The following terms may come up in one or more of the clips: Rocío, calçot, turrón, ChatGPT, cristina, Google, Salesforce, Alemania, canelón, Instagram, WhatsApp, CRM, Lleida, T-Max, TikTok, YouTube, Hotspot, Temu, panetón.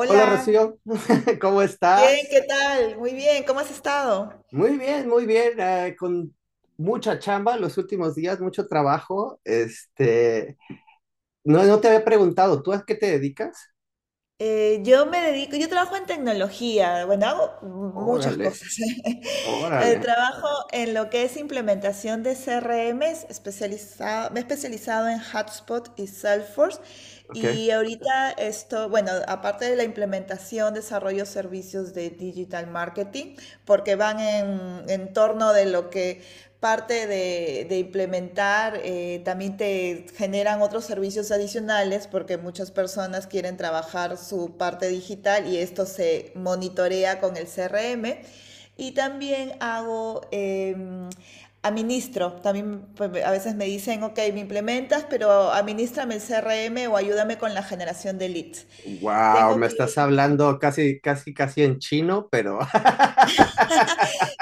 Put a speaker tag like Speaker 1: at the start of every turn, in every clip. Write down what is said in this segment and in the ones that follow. Speaker 1: Hola Rocío, ¿cómo
Speaker 2: bien,
Speaker 1: estás?
Speaker 2: ¿qué tal? Muy bien, ¿cómo has estado?
Speaker 1: Muy bien, con mucha chamba los últimos días, mucho trabajo. No te había preguntado, ¿tú a qué te dedicas?
Speaker 2: Yo me dedico, yo trabajo en tecnología, bueno, hago muchas
Speaker 1: Órale,
Speaker 2: cosas.
Speaker 1: órale,
Speaker 2: Trabajo en lo que es implementación de CRMs, especializado, me he especializado en Hotspot y Salesforce.
Speaker 1: ok.
Speaker 2: Y ahorita esto, bueno, aparte de la implementación, desarrollo servicios de digital marketing, porque van en torno de lo que parte de implementar, también te generan otros servicios adicionales porque muchas personas quieren trabajar su parte digital y esto se monitorea con el CRM. Y también hago, administro, también pues, a veces me dicen, ok, me implementas, pero administrame el CRM o ayúdame con la generación de leads.
Speaker 1: Wow,
Speaker 2: Tengo
Speaker 1: me
Speaker 2: que
Speaker 1: estás hablando casi, casi, casi en chino, pero.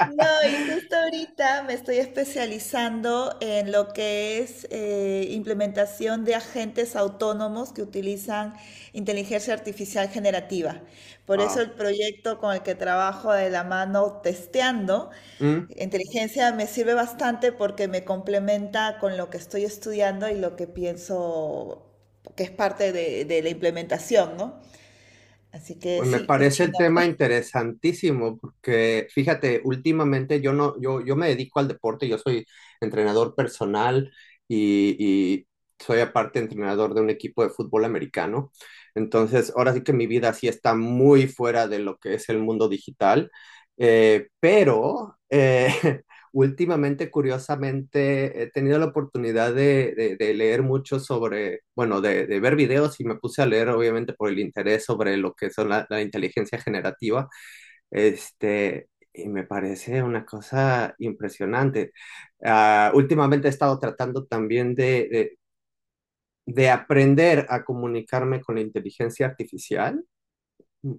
Speaker 2: no, y justo ahorita me estoy especializando en lo que es implementación de agentes autónomos que utilizan inteligencia artificial generativa. Por eso el proyecto con el que trabajo de la mano testeando
Speaker 1: Wow.
Speaker 2: inteligencia me sirve bastante porque me complementa con lo que estoy estudiando y lo que pienso que es parte de la implementación, ¿no? Así que
Speaker 1: Pues me
Speaker 2: sí, es
Speaker 1: parece el
Speaker 2: chino.
Speaker 1: tema interesantísimo porque fíjate, últimamente yo no, yo me dedico al deporte, yo soy entrenador personal y soy aparte entrenador de un equipo de fútbol americano. Entonces, ahora sí que mi vida sí está muy fuera de lo que es el mundo digital, eh, pero eh, Últimamente, curiosamente, he tenido la oportunidad de leer mucho sobre, bueno, de ver videos y me puse a leer, obviamente, por el interés sobre lo que son la inteligencia generativa. Y me parece una cosa impresionante. Ah, últimamente he estado tratando también de aprender a comunicarme con la inteligencia artificial,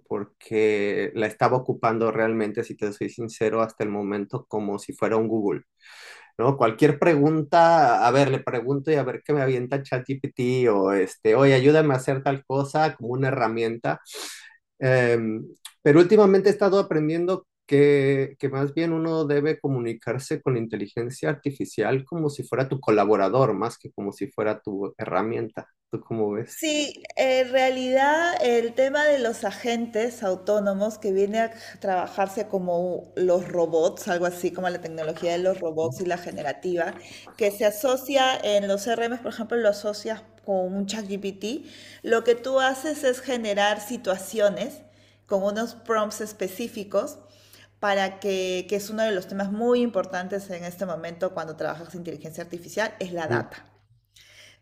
Speaker 1: porque la estaba ocupando realmente, si te soy sincero, hasta el momento como si fuera un Google. ¿No? Cualquier pregunta, a ver, le pregunto y a ver qué me avienta ChatGPT o este, oye, ayúdame a hacer tal cosa como una herramienta. Eh, pero últimamente he estado aprendiendo que más bien uno debe comunicarse con la inteligencia artificial como si fuera tu colaborador, más que como si fuera tu herramienta. ¿Tú cómo ves?
Speaker 2: Sí, en realidad el tema de los agentes autónomos que viene a trabajarse como los robots, algo así como la tecnología de los robots y la generativa, que se asocia en los CRM, por ejemplo, lo asocias con un ChatGPT, lo que tú haces es generar situaciones con unos prompts específicos para que es uno de los temas muy importantes en este momento cuando trabajas inteligencia artificial, es la
Speaker 1: Ujú,
Speaker 2: data,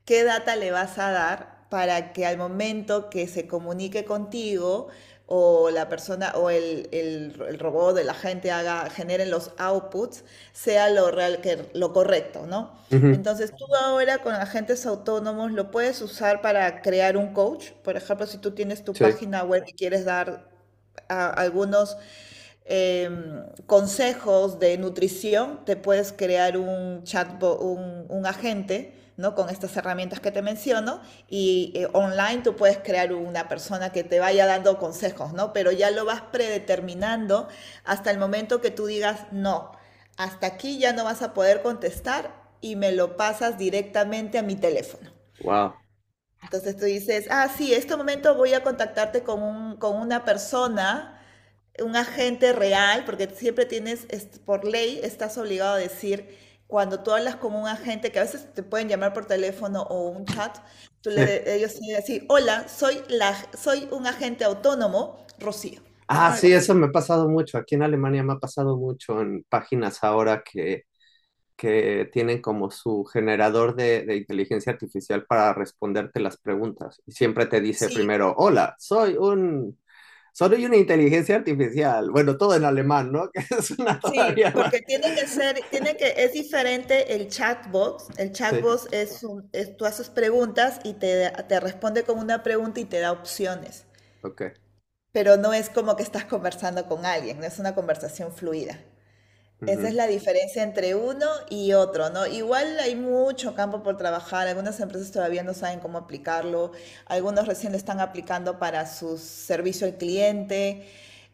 Speaker 2: qué data le vas a dar para que al momento que se comunique contigo o la persona o el robot el agente haga, generen los outputs, sea lo real que lo correcto, ¿no?
Speaker 1: ujú,
Speaker 2: Entonces tú ahora con agentes autónomos lo puedes usar para crear un coach, por ejemplo, si tú tienes tu
Speaker 1: sí,
Speaker 2: página web y quieres dar a algunos eh, consejos de nutrición, te puedes crear un chatbot, un agente, ¿no? Con estas herramientas que te menciono y online tú puedes crear una persona que te vaya dando consejos, ¿no? Pero ya lo vas predeterminando hasta el momento que tú digas, no, hasta aquí ya no vas a poder contestar y me lo pasas directamente a mi teléfono.
Speaker 1: wow.
Speaker 2: Entonces tú dices, ah, sí, en este momento voy a contactarte con, un, con una persona, un agente real, porque siempre tienes, por ley, estás obligado a decir, cuando tú hablas con un agente, que a veces te pueden llamar por teléfono o un chat, tú
Speaker 1: Sí.
Speaker 2: le, ellos tienen que decir, hola, soy, la, soy un agente autónomo, Rocío, ¿no?
Speaker 1: Ah,
Speaker 2: Algo
Speaker 1: sí,
Speaker 2: así.
Speaker 1: eso me ha pasado mucho. Aquí en Alemania me ha pasado mucho en páginas ahora que tienen como su generador de inteligencia artificial para responderte las preguntas. Y siempre te dice
Speaker 2: Sí,
Speaker 1: primero, hola, soy una inteligencia artificial. Bueno, todo en alemán, ¿no? Que es una
Speaker 2: sí,
Speaker 1: todavía más.
Speaker 2: porque tiene que ser, tiene que, es diferente el chatbot. El
Speaker 1: Sí,
Speaker 2: chatbot es, un, es tú haces preguntas y te responde con una pregunta y te da opciones.
Speaker 1: ok.
Speaker 2: Pero no es como que estás conversando con alguien, no es una conversación fluida. Esa es
Speaker 1: Ujú,
Speaker 2: la diferencia entre uno y otro, ¿no? Igual hay mucho campo por trabajar, algunas empresas todavía no saben cómo aplicarlo, algunos recién lo están aplicando para su servicio al cliente,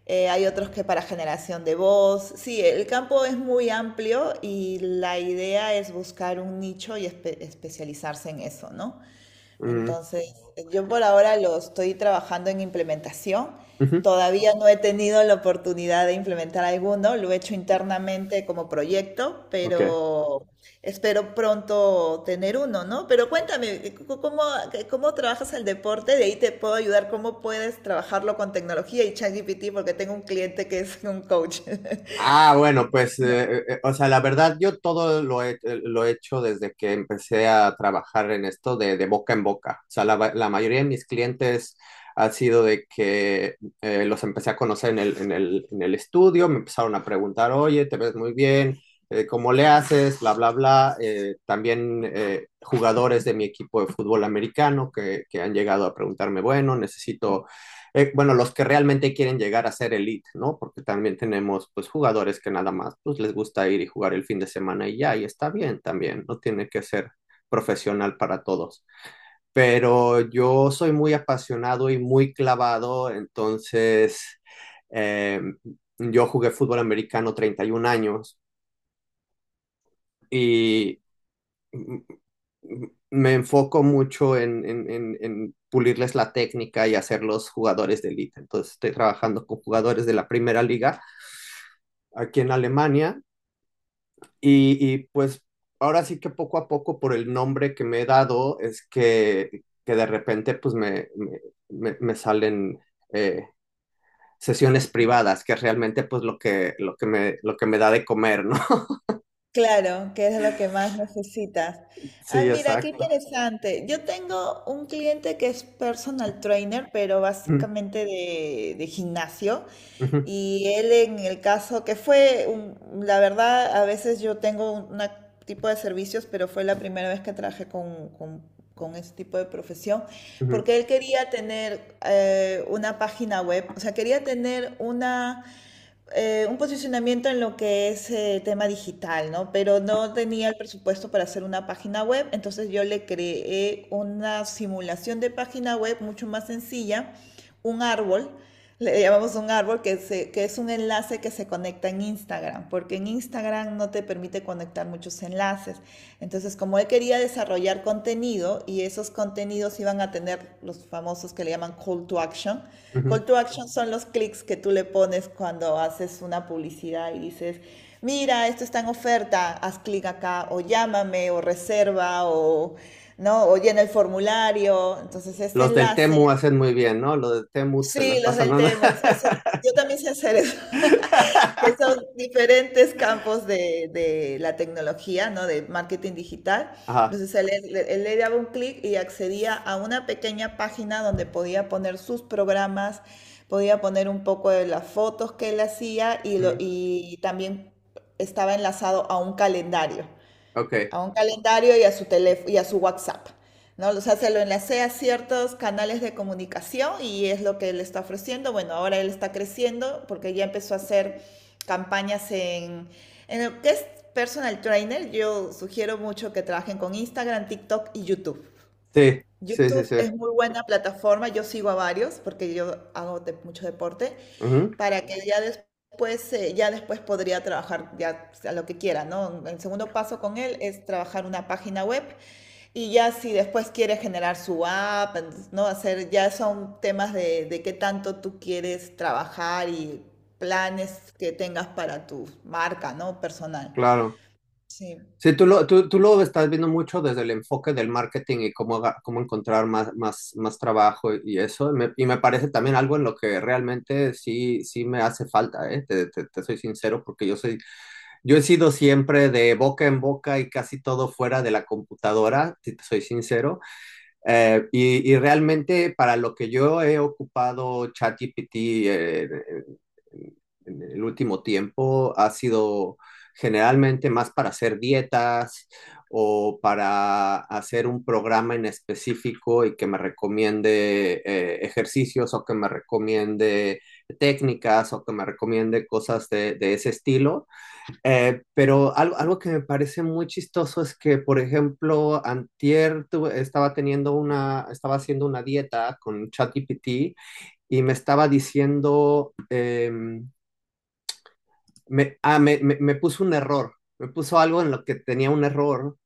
Speaker 2: hay otros que para generación de voz. Sí, el campo es muy amplio y la idea es buscar un nicho y especializarse en eso, ¿no?
Speaker 1: ujú,
Speaker 2: Entonces, yo por ahora lo estoy trabajando en implementación.
Speaker 1: ujú,
Speaker 2: Todavía no he tenido la oportunidad de implementar alguno, lo he hecho internamente como proyecto,
Speaker 1: ok.
Speaker 2: pero espero pronto tener uno, ¿no? Pero cuéntame, ¿cómo, cómo trabajas el deporte? De ahí te puedo ayudar, ¿cómo puedes trabajarlo con tecnología y ChatGPT? Porque tengo un cliente que es un coach.
Speaker 1: Ah, bueno, pues, o sea, la verdad, yo todo lo he hecho desde que empecé a trabajar en esto de boca en boca. O sea, la mayoría de mis clientes ha sido de que los empecé a conocer en en el estudio, me empezaron a preguntar, oye, te ves muy bien, ¿cómo le haces? Bla, bla, bla. También jugadores de mi equipo de fútbol americano que han llegado a preguntarme, bueno, necesito bueno, los que realmente quieren llegar a ser elite, ¿no? Porque también tenemos, pues, jugadores que nada más, pues, les gusta ir y jugar el fin de semana y ya, y está bien también, no tiene que ser profesional para todos. Pero yo soy muy apasionado y muy clavado, entonces, eh, yo jugué fútbol americano 31 años y mm, me enfoco mucho en pulirles la técnica y hacerlos jugadores de élite. Entonces estoy trabajando con jugadores de la primera liga aquí en Alemania pues ahora sí que poco a poco por el nombre que me he dado es que de repente pues salen eh, sesiones privadas, que es realmente pues lo que, lo que me da de comer, ¿no?
Speaker 2: Claro, que es lo que más necesitas. Ah,
Speaker 1: Sí,
Speaker 2: mira, qué
Speaker 1: exacto.
Speaker 2: interesante. Yo tengo un cliente que es personal trainer, pero
Speaker 1: Ujú,
Speaker 2: básicamente de gimnasio.
Speaker 1: ujú,
Speaker 2: Y él en el caso que fue, un, la verdad, a veces yo tengo un una tipo de servicios, pero fue la primera vez que trabajé con ese tipo de profesión,
Speaker 1: ujú,
Speaker 2: porque él quería tener una página web, o sea, quería tener una un posicionamiento en lo que es tema digital, ¿no? Pero no tenía el presupuesto para hacer una página web, entonces yo le creé una simulación de página web mucho más sencilla, un árbol, le llamamos un árbol, que, que es un enlace que se conecta en Instagram, porque en Instagram no te permite conectar muchos enlaces. Entonces, como él quería desarrollar contenido y esos contenidos iban a tener los famosos que le llaman call to action. Call
Speaker 1: ujú.
Speaker 2: to action son los clics que tú le pones cuando haces una publicidad y dices, mira, esto está en oferta, haz clic acá, o llámame, o reserva, o, ¿no? O llena el formulario. Entonces, este
Speaker 1: Los del
Speaker 2: enlace
Speaker 1: Temu hacen muy bien, ¿no? Los del Temu se
Speaker 2: sí,
Speaker 1: las
Speaker 2: los
Speaker 1: pasan
Speaker 2: del
Speaker 1: nada.
Speaker 2: T-Max. Eso, yo también sé hacer eso, que son diferentes campos de la tecnología, ¿no? De marketing digital.
Speaker 1: Ajá.
Speaker 2: Entonces él, él le daba un clic y accedía a una pequeña página donde podía poner sus programas, podía poner un poco de las fotos que él hacía y, lo,
Speaker 1: Mm,
Speaker 2: y también estaba enlazado
Speaker 1: ok.
Speaker 2: a un calendario y a su teléfono y a su WhatsApp, ¿no? O sea, se lo enlacé a ciertos canales de comunicación y es lo que él está ofreciendo. Bueno, ahora él está creciendo porque ya empezó a hacer campañas en lo que es personal trainer. Yo sugiero mucho que trabajen con Instagram, TikTok y YouTube.
Speaker 1: Sí, sí, sí,
Speaker 2: YouTube
Speaker 1: sí.
Speaker 2: es muy buena plataforma, yo sigo a varios porque yo hago mucho deporte,
Speaker 1: Ujú,
Speaker 2: para que ya después podría trabajar ya a lo que quiera, ¿no? El segundo paso con él es trabajar una página web y ya si después quiere generar su app, entonces, ¿no? Hacer, ya son temas de qué tanto tú quieres trabajar y planes que tengas para tu marca, ¿no? Personal.
Speaker 1: claro.
Speaker 2: Sí.
Speaker 1: Sí, tú lo estás viendo mucho desde el enfoque del marketing y cómo, aga- cómo encontrar más, más, más trabajo y eso. Me- y me parece también algo en lo que realmente sí, sí me hace falta, ¿eh? Te soy sincero, porque yo soy, yo he sido siempre de boca en boca y casi todo fuera de la computadora, si te soy sincero. Y realmente para lo que yo he ocupado ChatGPT en el último tiempo ha sido generalmente más para hacer dietas o para hacer un programa en específico y que me recomiende ejercicios o que me recomiende técnicas o que me recomiende cosas de ese estilo. Pero algo que me parece muy chistoso es que, por ejemplo, antier estaba teniendo una, estaba haciendo una dieta con ChatGPT y me estaba diciendo me puso un error, me puso algo en lo que tenía un error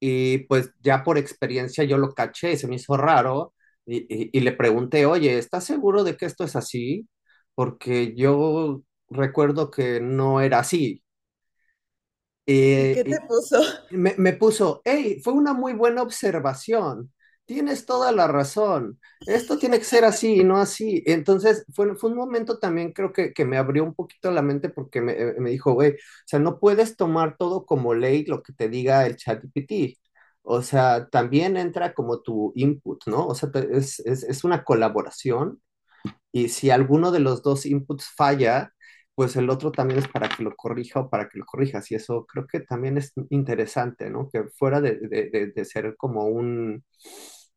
Speaker 1: y pues ya por experiencia yo lo caché y se me hizo raro y le pregunté, oye, ¿estás seguro de que esto es así? Porque yo recuerdo que no era así.
Speaker 2: ¿Y
Speaker 1: Eh,
Speaker 2: qué te
Speaker 1: y,
Speaker 2: puso?
Speaker 1: me puso, hey, fue una muy buena observación. Tienes toda la razón. Esto tiene que ser así y no así. Entonces, fue un momento también creo que me abrió un poquito la mente porque me dijo, güey, o sea, no puedes tomar todo como ley lo que te diga el chat GPT. O sea, también entra como tu input, ¿no? O sea, es una colaboración y si alguno de los dos inputs falla, pues el otro también es para que lo corrija o para que lo corrijas. Y eso creo que también es interesante, ¿no? Que fuera de ser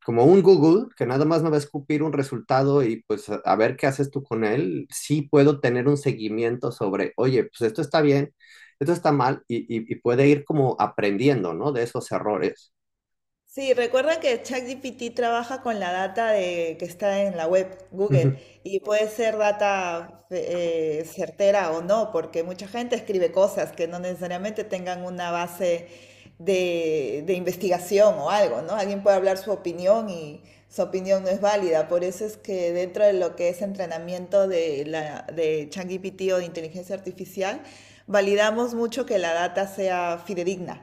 Speaker 1: como un Google, que nada más me va a escupir un resultado y pues a ver qué haces tú con él, sí puedo tener un seguimiento sobre, oye, pues esto está bien, esto está mal y puede ir como aprendiendo, ¿no? De esos errores.
Speaker 2: Sí, recuerda que ChatGPT trabaja con la data de, que está en la web
Speaker 1: Uh
Speaker 2: Google
Speaker 1: -huh.
Speaker 2: y puede ser data certera o no, porque mucha gente escribe cosas que no necesariamente tengan una base de investigación o algo, ¿no? Alguien puede hablar su opinión y su opinión no es válida. Por eso es que dentro de lo que es entrenamiento de, la, de ChatGPT o de inteligencia artificial, validamos mucho que la data sea fidedigna,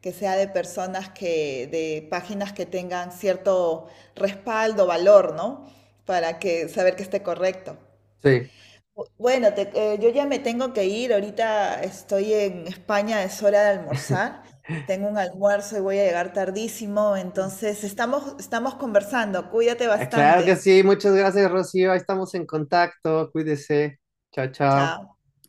Speaker 2: que sea de personas que, de páginas que tengan cierto respaldo, valor, ¿no? Para que saber que esté correcto.
Speaker 1: Sí.
Speaker 2: Bueno, yo ya me tengo que ir, ahorita estoy en España, es hora de almorzar, tengo un almuerzo y voy a llegar tardísimo, entonces estamos, estamos conversando, cuídate
Speaker 1: Ah, claro que
Speaker 2: bastante,
Speaker 1: sí, muchas gracias, Rocío. Ahí estamos en contacto. Cuídese. Chao, chao.
Speaker 2: chao.